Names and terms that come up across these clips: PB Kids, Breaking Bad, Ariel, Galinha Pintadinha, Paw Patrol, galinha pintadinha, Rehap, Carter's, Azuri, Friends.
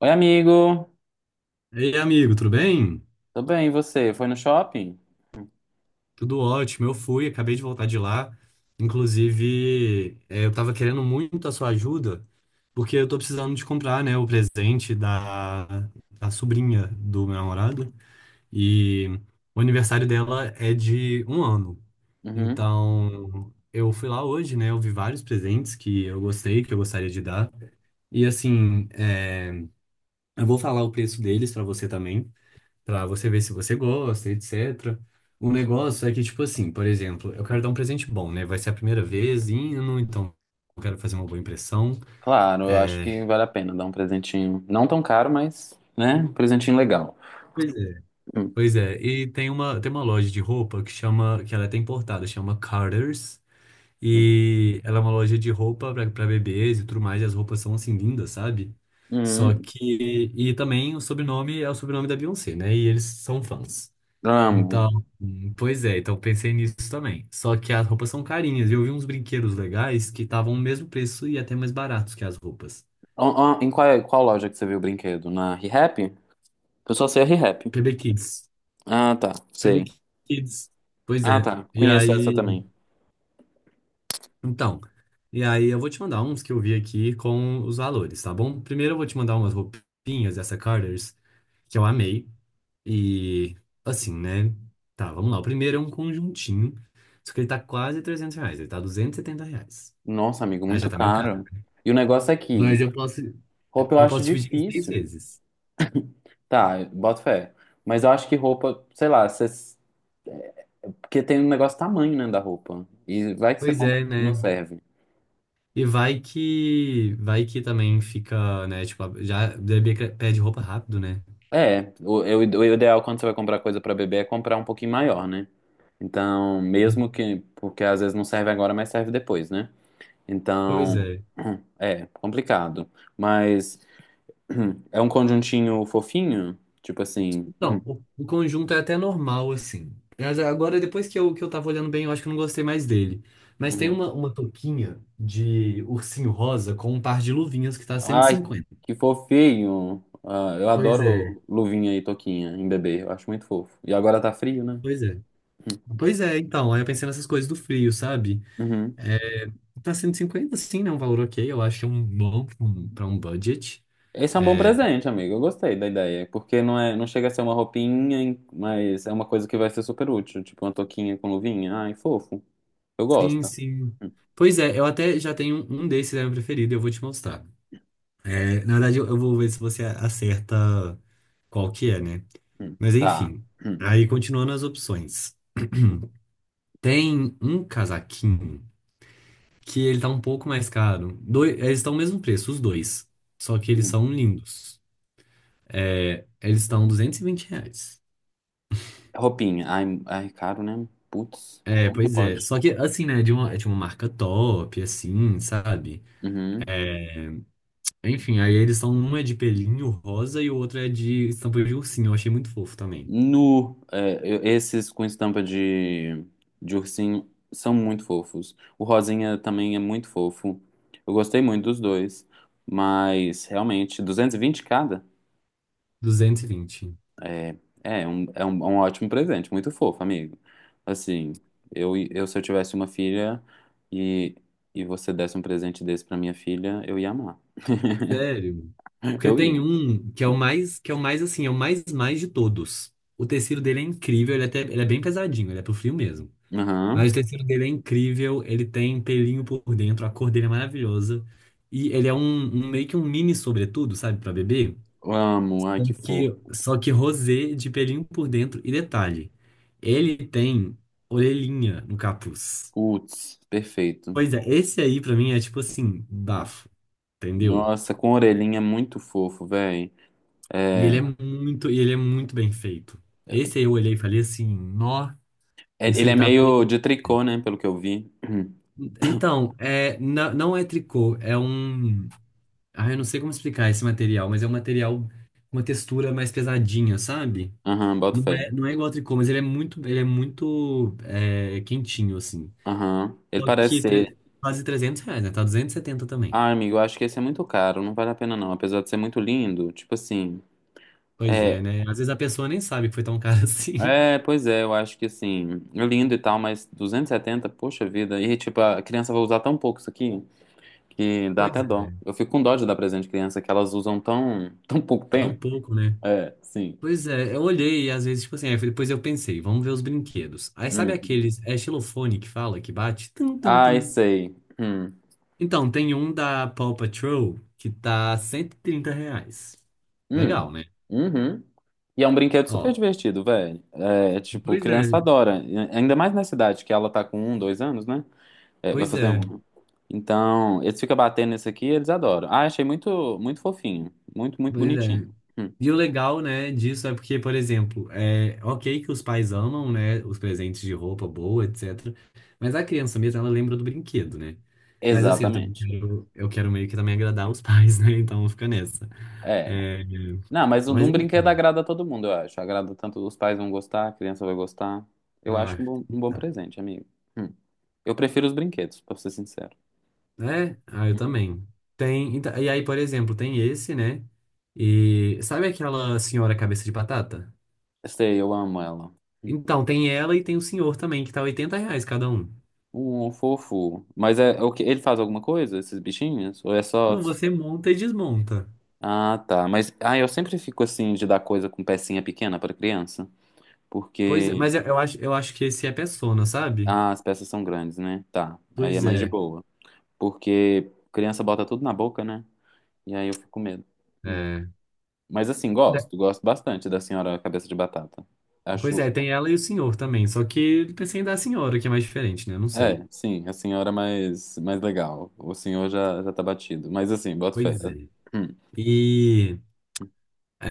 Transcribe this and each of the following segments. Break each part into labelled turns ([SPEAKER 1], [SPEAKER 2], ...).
[SPEAKER 1] Oi, amigo.
[SPEAKER 2] Ei, amigo, tudo bem?
[SPEAKER 1] Tudo bem, e você? Foi no shopping?
[SPEAKER 2] Tudo ótimo. Eu fui, acabei de voltar de lá. Inclusive, eu tava querendo muito a sua ajuda, porque eu tô precisando de comprar, né, o presente da sobrinha do meu namorado. E o aniversário dela é de 1 ano.
[SPEAKER 1] Uhum.
[SPEAKER 2] Então, eu fui lá hoje, né? Eu vi vários presentes que eu gostei, que eu gostaria de dar. E assim, eu vou falar o preço deles pra você também. Pra você ver se você gosta, etc. O negócio é que, tipo assim, por exemplo, eu quero dar um presente bom, né? Vai ser a primeira vez indo, então eu quero fazer uma boa impressão.
[SPEAKER 1] Claro, eu acho
[SPEAKER 2] É.
[SPEAKER 1] que vale a pena dar um presentinho. Não tão caro, mas, né? Um presentinho legal.
[SPEAKER 2] Pois é.
[SPEAKER 1] Hum.
[SPEAKER 2] Pois é. E tem uma loja de roupa que chama, que ela é até importada, chama Carter's. E ela é uma loja de roupa pra bebês e tudo mais, e as roupas são assim lindas, sabe? Só
[SPEAKER 1] Hum.
[SPEAKER 2] que. E também o sobrenome é o sobrenome da Beyoncé, né? E eles são fãs.
[SPEAKER 1] Amo.
[SPEAKER 2] Então, pois é, então pensei nisso também. Só que as roupas são carinhas. E eu vi uns brinquedos legais que estavam o mesmo preço e até mais baratos que as roupas.
[SPEAKER 1] Ó, ó, em qual loja que você viu o brinquedo? Na Rehap? Eu só sei a Rehap.
[SPEAKER 2] PB Kids.
[SPEAKER 1] Ah, tá.
[SPEAKER 2] PB
[SPEAKER 1] Sei.
[SPEAKER 2] Kids. Pois
[SPEAKER 1] Ah,
[SPEAKER 2] é.
[SPEAKER 1] tá.
[SPEAKER 2] E
[SPEAKER 1] Conheço essa
[SPEAKER 2] aí,
[SPEAKER 1] também.
[SPEAKER 2] então, e aí eu vou te mandar uns que eu vi aqui com os valores, tá bom? Primeiro eu vou te mandar umas roupinhas dessa Carter's que eu amei. E assim, né? Tá, vamos lá. O primeiro é um conjuntinho, só que ele tá quase R$ 300, ele tá R$ 270.
[SPEAKER 1] Nossa, amigo,
[SPEAKER 2] Aí já
[SPEAKER 1] muito
[SPEAKER 2] tá meio caro.
[SPEAKER 1] caro. E o negócio é que
[SPEAKER 2] Mas eu posso,
[SPEAKER 1] roupa eu
[SPEAKER 2] eu
[SPEAKER 1] acho
[SPEAKER 2] posso dividir em seis
[SPEAKER 1] difícil.
[SPEAKER 2] vezes.
[SPEAKER 1] Tá, boto fé. Mas eu acho que roupa, sei lá, você porque tem um negócio tamanho, né, da roupa. E vai que você
[SPEAKER 2] Pois
[SPEAKER 1] compra,
[SPEAKER 2] é,
[SPEAKER 1] não
[SPEAKER 2] né?
[SPEAKER 1] serve.
[SPEAKER 2] E vai que também fica, né? Tipo, já o bebê que pede roupa rápido, né?
[SPEAKER 1] É, o ideal quando você vai comprar coisa pra bebê é comprar um pouquinho maior, né? Então, mesmo que. Porque às vezes não serve agora, mas serve depois, né?
[SPEAKER 2] Pois
[SPEAKER 1] Então.
[SPEAKER 2] é.
[SPEAKER 1] É, complicado. Mas. É um conjuntinho fofinho? Tipo assim.
[SPEAKER 2] Então, o conjunto é até normal, assim. Mas agora, depois que eu tava olhando bem, eu acho que eu não gostei mais dele. Mas tem
[SPEAKER 1] Uhum.
[SPEAKER 2] uma, uma touquinha de ursinho rosa com um par de luvinhas que tá cento e
[SPEAKER 1] Ai,
[SPEAKER 2] cinquenta
[SPEAKER 1] que fofinho! Ah, eu
[SPEAKER 2] Pois é,
[SPEAKER 1] adoro luvinha e toquinha em bebê. Eu acho muito fofo. E agora tá frio, né?
[SPEAKER 2] pois é. Pois é, então, aí eu pensei nessas coisas do frio, sabe?
[SPEAKER 1] Uhum.
[SPEAKER 2] É, pra 150 sim, né? Um valor ok, eu acho que é um bom para um pra um budget.
[SPEAKER 1] Esse é um bom
[SPEAKER 2] É,
[SPEAKER 1] presente, amigo. Eu gostei da ideia, porque não é, não chega a ser uma roupinha, mas é uma coisa que vai ser super útil, tipo uma touquinha com luvinha. Ai, fofo. Eu
[SPEAKER 2] sim,
[SPEAKER 1] gosto.
[SPEAKER 2] sim.
[SPEAKER 1] Hum,
[SPEAKER 2] Pois é, eu até já tenho um desses, é meu preferido, eu vou te mostrar. É, na verdade, eu vou ver se você acerta qual que é, né? Mas
[SPEAKER 1] Tá.
[SPEAKER 2] enfim,
[SPEAKER 1] Hum,
[SPEAKER 2] aí continuando as opções. Tem um casaquinho que ele tá um pouco mais caro. Dois eles estão o mesmo preço, os dois. Só que eles
[SPEAKER 1] hum.
[SPEAKER 2] são lindos. É, eles estão R$ duzentos e vinte reais.
[SPEAKER 1] Roupinha. Ai, ai, caro, né? Putz,
[SPEAKER 2] É,
[SPEAKER 1] como que
[SPEAKER 2] pois é.
[SPEAKER 1] pode?
[SPEAKER 2] Só que, assim, né, de uma marca top, assim, sabe?
[SPEAKER 1] Uhum.
[SPEAKER 2] Enfim, aí eles são uma é de pelinho rosa e o outro é de estampa de ursinho. Eu achei muito fofo também.
[SPEAKER 1] Nu, é, esses com estampa de, ursinho são muito fofos. O rosinha também é muito fofo. Eu gostei muito dos dois, mas realmente, 220 cada?
[SPEAKER 2] 220,
[SPEAKER 1] É, é um ótimo presente, muito fofo, amigo. Assim, eu se eu tivesse uma filha e, e você desse um presente desse pra minha filha, eu ia amar.
[SPEAKER 2] sério? Porque
[SPEAKER 1] Eu
[SPEAKER 2] tem
[SPEAKER 1] ia.
[SPEAKER 2] um que é o mais, que é o mais, assim, é o mais, mais de todos. O tecido dele é incrível, ele, é até, ele é bem pesadinho, ele é pro frio mesmo.
[SPEAKER 1] Aham.
[SPEAKER 2] Mas o tecido dele é incrível, ele tem pelinho por dentro, a cor dele é maravilhosa. E ele é um meio que um mini sobretudo, sabe, pra bebê?
[SPEAKER 1] Amo,
[SPEAKER 2] Só
[SPEAKER 1] ai que
[SPEAKER 2] que,
[SPEAKER 1] fofo.
[SPEAKER 2] só que rosé de pelinho por dentro. E detalhe, ele tem orelhinha no capuz.
[SPEAKER 1] Putz, perfeito.
[SPEAKER 2] Pois é, esse aí pra mim é tipo assim, bafo, entendeu?
[SPEAKER 1] Nossa, com orelhinha muito fofo, velho.
[SPEAKER 2] E ele é muito bem feito. Esse aí eu olhei e falei assim, nó, isso
[SPEAKER 1] Ele
[SPEAKER 2] aí
[SPEAKER 1] é
[SPEAKER 2] tá
[SPEAKER 1] meio
[SPEAKER 2] perfeito.
[SPEAKER 1] de tricô, né, pelo que eu vi.
[SPEAKER 2] Então, é, não é tricô, é um. Ah, eu não sei como explicar esse material, mas é um material com uma textura mais pesadinha, sabe?
[SPEAKER 1] Aham, boto
[SPEAKER 2] Não
[SPEAKER 1] fé.
[SPEAKER 2] é, não é igual ao tricô, mas ele é muito quentinho, assim.
[SPEAKER 1] Aham. Ele
[SPEAKER 2] Só
[SPEAKER 1] parece
[SPEAKER 2] que
[SPEAKER 1] ser.
[SPEAKER 2] quase R$ 300, né? Tá 270 também.
[SPEAKER 1] Ah, amigo, eu acho que esse é muito caro, não vale a pena não. Apesar de ser muito lindo, tipo assim.
[SPEAKER 2] Pois
[SPEAKER 1] É,
[SPEAKER 2] é, né? Às vezes a pessoa nem sabe que foi tão caro assim.
[SPEAKER 1] é, pois é, eu acho que assim, é lindo e tal, mas 270, poxa vida. E tipo, a criança vai usar tão pouco isso aqui que dá
[SPEAKER 2] Pois
[SPEAKER 1] até dó.
[SPEAKER 2] é,
[SPEAKER 1] Eu fico com dó de dar presente de criança que elas usam tão, tão pouco
[SPEAKER 2] tão
[SPEAKER 1] tempo.
[SPEAKER 2] pouco, né?
[SPEAKER 1] É, sim.
[SPEAKER 2] Pois é, eu olhei e às vezes, tipo assim, aí depois eu pensei, vamos ver os brinquedos. Aí sabe
[SPEAKER 1] Hum.
[SPEAKER 2] aqueles, é xilofone que fala, que bate? Tum, tum,
[SPEAKER 1] Ai,
[SPEAKER 2] tum.
[SPEAKER 1] sei. Hum.
[SPEAKER 2] Então, tem um da Paw Patrol que tá R$ 130. Legal,
[SPEAKER 1] Hum.
[SPEAKER 2] né?
[SPEAKER 1] Uhum. E é um brinquedo super
[SPEAKER 2] Ó,
[SPEAKER 1] divertido, velho. É, tipo,
[SPEAKER 2] pois
[SPEAKER 1] criança
[SPEAKER 2] é,
[SPEAKER 1] adora. Ainda mais na cidade, que ela tá com um, dois anos, né? É, vai
[SPEAKER 2] pois
[SPEAKER 1] fazer
[SPEAKER 2] é,
[SPEAKER 1] um. Né? Então, eles ficam batendo nesse aqui e eles adoram. Ah, achei muito, muito fofinho. Muito, muito
[SPEAKER 2] pois é.
[SPEAKER 1] bonitinho. Hum.
[SPEAKER 2] E o legal, né, disso é porque, por exemplo, é ok que os pais amam, né, os presentes de roupa boa, etc. Mas a criança mesmo, ela lembra do brinquedo, né? Mas assim, eu também
[SPEAKER 1] Exatamente.
[SPEAKER 2] quero, eu quero meio que também agradar os pais, né? Então fica nessa.
[SPEAKER 1] É.
[SPEAKER 2] É,
[SPEAKER 1] Não, mas um,
[SPEAKER 2] mas
[SPEAKER 1] um brinquedo
[SPEAKER 2] enfim.
[SPEAKER 1] agrada a todo mundo, eu acho. Agrada tanto, os pais vão gostar, a criança vai gostar. Eu acho
[SPEAKER 2] Ah,
[SPEAKER 1] um bom
[SPEAKER 2] tá.
[SPEAKER 1] presente, amigo. Hum. Eu prefiro os brinquedos, pra ser sincero.
[SPEAKER 2] É, ah, eu
[SPEAKER 1] Hum.
[SPEAKER 2] também. Tem, então, e aí, por exemplo, tem esse, né? E sabe aquela senhora cabeça de batata?
[SPEAKER 1] Sei, eu amo ela. Hum.
[SPEAKER 2] Então, tem ela e tem o senhor também, que tá R$ 80 cada um.
[SPEAKER 1] Um fofo. Mas é, é o que ele faz alguma coisa, esses bichinhos? Ou é só.
[SPEAKER 2] Não, você monta e desmonta.
[SPEAKER 1] Ah, tá. Mas ah, eu sempre fico assim de dar coisa com pecinha pequena pra criança,
[SPEAKER 2] Pois é,
[SPEAKER 1] porque
[SPEAKER 2] mas eu acho que esse é Persona, sabe?
[SPEAKER 1] as peças são grandes, né? Tá. Aí é
[SPEAKER 2] Pois
[SPEAKER 1] mais de
[SPEAKER 2] é,
[SPEAKER 1] boa. Porque criança bota tudo na boca, né? E aí eu fico com medo. Hum.
[SPEAKER 2] é.
[SPEAKER 1] Mas assim,
[SPEAKER 2] É.
[SPEAKER 1] gosto, gosto bastante da senhora cabeça de batata.
[SPEAKER 2] Pois
[SPEAKER 1] Acho,
[SPEAKER 2] é, tem ela e o senhor também. Só que eu pensei em dar a senhora, que é mais diferente, né? Não sei.
[SPEAKER 1] é, sim, a senhora mais legal. O senhor já já tá batido. Mas assim, boto fé.
[SPEAKER 2] Pois é.
[SPEAKER 1] Hum.
[SPEAKER 2] E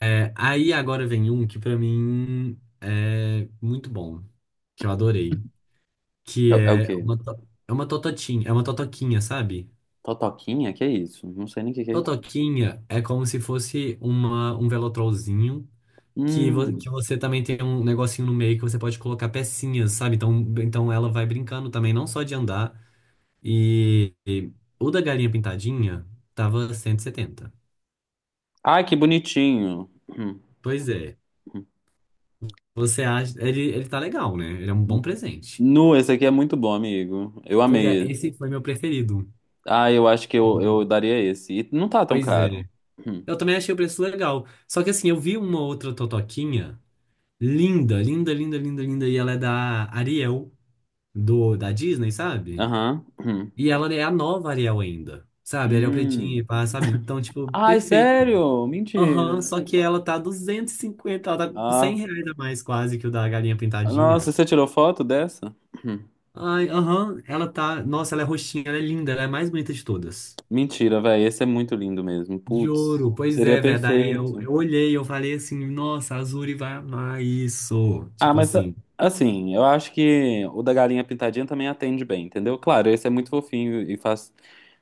[SPEAKER 2] é, aí agora vem um que pra mim é muito bom, que eu adorei,
[SPEAKER 1] É,
[SPEAKER 2] que
[SPEAKER 1] é o
[SPEAKER 2] é
[SPEAKER 1] quê?
[SPEAKER 2] uma, to- é uma tototinha, é uma totoquinha, sabe?
[SPEAKER 1] Totoquinha? Que é isso? Não sei nem o que que é isso.
[SPEAKER 2] Totoquinha é como se fosse um velotrolzinho que,
[SPEAKER 1] Hum.
[SPEAKER 2] que você também tem um negocinho no meio que você pode colocar pecinhas, sabe? Então, ela vai brincando também, não só de andar. E, o da galinha pintadinha tava 170.
[SPEAKER 1] Ai, que bonitinho. Hum.
[SPEAKER 2] Pois é. Você acha. Ele tá legal, né? Ele é um bom
[SPEAKER 1] Hum.
[SPEAKER 2] presente.
[SPEAKER 1] Nu, esse aqui é muito bom, amigo. Eu
[SPEAKER 2] Pois é,
[SPEAKER 1] amei esse.
[SPEAKER 2] esse foi meu preferido.
[SPEAKER 1] Ah, eu acho que eu
[SPEAKER 2] E-
[SPEAKER 1] daria esse. E não tá tão
[SPEAKER 2] Pois
[SPEAKER 1] caro.
[SPEAKER 2] é.
[SPEAKER 1] Hum.
[SPEAKER 2] Eu também achei o preço legal. Só que assim, eu vi uma outra totoquinha linda, linda, linda, linda, linda. E ela é da Ariel, da Disney, sabe?
[SPEAKER 1] Aham. Hum.
[SPEAKER 2] E ela é a nova Ariel ainda, sabe? Ariel pretinha, e
[SPEAKER 1] Hum.
[SPEAKER 2] pá, sabe? Então, tipo,
[SPEAKER 1] Ai,
[SPEAKER 2] perfeita.
[SPEAKER 1] sério?
[SPEAKER 2] Aham,
[SPEAKER 1] Mentira.
[SPEAKER 2] só que ela tá 250, ela tá com
[SPEAKER 1] Ah,
[SPEAKER 2] R$ 100 a mais quase que o da galinha
[SPEAKER 1] nossa,
[SPEAKER 2] pintadinha.
[SPEAKER 1] você tirou foto dessa? Hum.
[SPEAKER 2] Ai, aham, ela tá. Nossa, ela é roxinha, ela é linda, ela é a mais bonita de todas.
[SPEAKER 1] Mentira, velho. Esse é muito lindo mesmo.
[SPEAKER 2] De
[SPEAKER 1] Putz,
[SPEAKER 2] ouro, pois
[SPEAKER 1] seria
[SPEAKER 2] é, velho. Daí eu,
[SPEAKER 1] perfeito.
[SPEAKER 2] eu olhei, eu falei assim, nossa, a Azuri vai amar isso.
[SPEAKER 1] Ah,
[SPEAKER 2] Tipo
[SPEAKER 1] mas
[SPEAKER 2] assim,
[SPEAKER 1] assim, eu acho que o da galinha pintadinha também atende bem, entendeu? Claro, esse é muito fofinho e faz.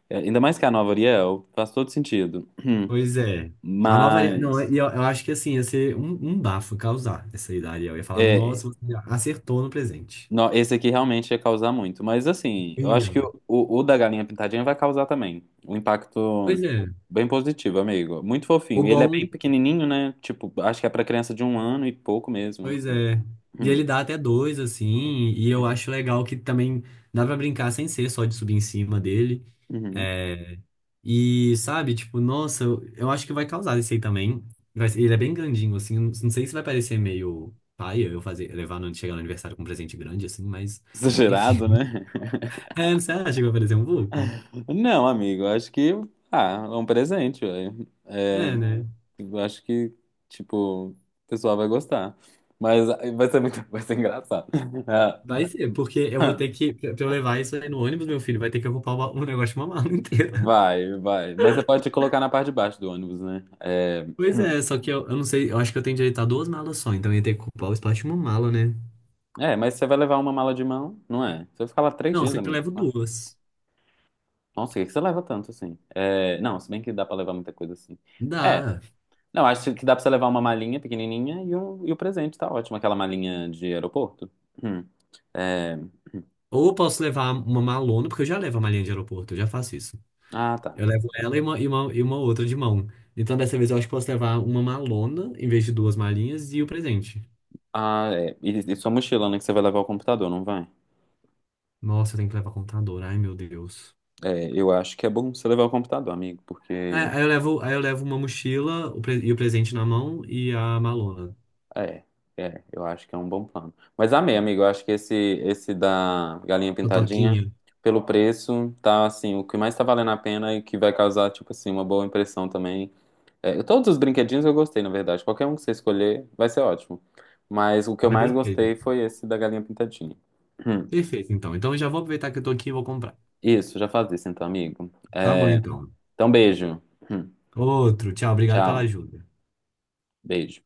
[SPEAKER 1] É, ainda mais que a nova Ariel, faz todo sentido. Hum.
[SPEAKER 2] pois é. A nova Ariel. Não,
[SPEAKER 1] Mas.
[SPEAKER 2] e eu acho que assim, ia ser um bafo causar essa aí da Ariel. Eu ia falar,
[SPEAKER 1] É,
[SPEAKER 2] nossa, você acertou no presente.
[SPEAKER 1] não, esse aqui realmente ia causar muito. Mas assim, eu acho que
[SPEAKER 2] Ia.
[SPEAKER 1] o da galinha pintadinha vai causar também. Um impacto
[SPEAKER 2] Pois é.
[SPEAKER 1] bem positivo, amigo. Muito
[SPEAKER 2] O
[SPEAKER 1] fofinho. Ele é bem
[SPEAKER 2] bom,
[SPEAKER 1] pequenininho, né? Tipo, acho que é pra criança de um ano e pouco mesmo.
[SPEAKER 2] pois
[SPEAKER 1] Assim.
[SPEAKER 2] é. E
[SPEAKER 1] Hum,
[SPEAKER 2] ele dá até dois, assim, e eu
[SPEAKER 1] uhum,
[SPEAKER 2] acho legal que também dá pra brincar sem ser só de subir em cima dele.
[SPEAKER 1] uhum.
[SPEAKER 2] É, e, sabe, tipo, nossa, eu acho que vai causar esse aí também. Ele é bem grandinho, assim, não sei se vai parecer meio paia eu fazer, levar no, chegar no aniversário com um presente grande, assim, mas, enfim.
[SPEAKER 1] Exagerado, né?
[SPEAKER 2] É, você acha que vai parecer um vulco?
[SPEAKER 1] Não, amigo, acho que. Ah, é um presente, velho. É,
[SPEAKER 2] É, né?
[SPEAKER 1] eu acho que, tipo, o pessoal vai gostar. Mas ah, vai ser muito, vai ser engraçado.
[SPEAKER 2] Vai ser, porque eu vou ter
[SPEAKER 1] É.
[SPEAKER 2] que, pra eu levar isso aí no ônibus, meu filho, vai ter que ocupar um negócio de uma mala inteira.
[SPEAKER 1] Vai, vai. Mas você pode colocar na parte de baixo do ônibus, né? É,
[SPEAKER 2] Pois é, só que eu não sei, eu acho que eu tenho direito a duas malas só, então eu ia ter que ocupar o espaço de uma mala, né?
[SPEAKER 1] é, mas você vai levar uma mala de mão, não é? Você vai ficar lá três
[SPEAKER 2] Não, eu
[SPEAKER 1] dias,
[SPEAKER 2] sempre
[SPEAKER 1] amigo.
[SPEAKER 2] levo
[SPEAKER 1] Ah,
[SPEAKER 2] duas.
[SPEAKER 1] nossa, o que que você leva tanto assim? É, não, se bem que dá pra levar muita coisa assim. É,
[SPEAKER 2] Dá.
[SPEAKER 1] não, acho que dá pra você levar uma malinha pequenininha e, um, e o presente, tá ótimo. Aquela malinha de aeroporto. Hum, é,
[SPEAKER 2] Ou eu posso levar uma malona, porque eu já levo a malinha de aeroporto, eu já faço isso.
[SPEAKER 1] ah, tá.
[SPEAKER 2] Eu levo ela e uma outra de mão. Então dessa vez eu acho que posso levar uma malona em vez de duas malinhas e o presente.
[SPEAKER 1] Ah, é. E sua mochila, né? Que você vai levar o computador, não vai?
[SPEAKER 2] Nossa, eu tenho que levar computador, ai meu Deus.
[SPEAKER 1] É, eu acho que é bom você levar o computador, amigo,
[SPEAKER 2] É,
[SPEAKER 1] porque.
[SPEAKER 2] aí eu levo uma mochila o e o presente na mão e a malona.
[SPEAKER 1] É, é, eu acho que é um bom plano. Mas amei, amigo, eu acho que esse da galinha
[SPEAKER 2] A
[SPEAKER 1] pintadinha,
[SPEAKER 2] toquinha.
[SPEAKER 1] pelo preço, tá assim, o que mais tá valendo a pena e que vai causar, tipo assim, uma boa impressão também. É, todos os brinquedinhos eu gostei, na verdade. Qualquer um que você escolher vai ser ótimo. Mas o que
[SPEAKER 2] Ah,
[SPEAKER 1] eu mais
[SPEAKER 2] perfeito.
[SPEAKER 1] gostei foi esse da galinha pintadinha. Hum.
[SPEAKER 2] Perfeito, então. Então eu já vou aproveitar que eu tô aqui e vou comprar.
[SPEAKER 1] Isso, já faz isso então, amigo.
[SPEAKER 2] Tá bom,
[SPEAKER 1] É,
[SPEAKER 2] então.
[SPEAKER 1] então, beijo. Hum.
[SPEAKER 2] Outro. Tchau, obrigado pela
[SPEAKER 1] Tchau,
[SPEAKER 2] ajuda.
[SPEAKER 1] beijo.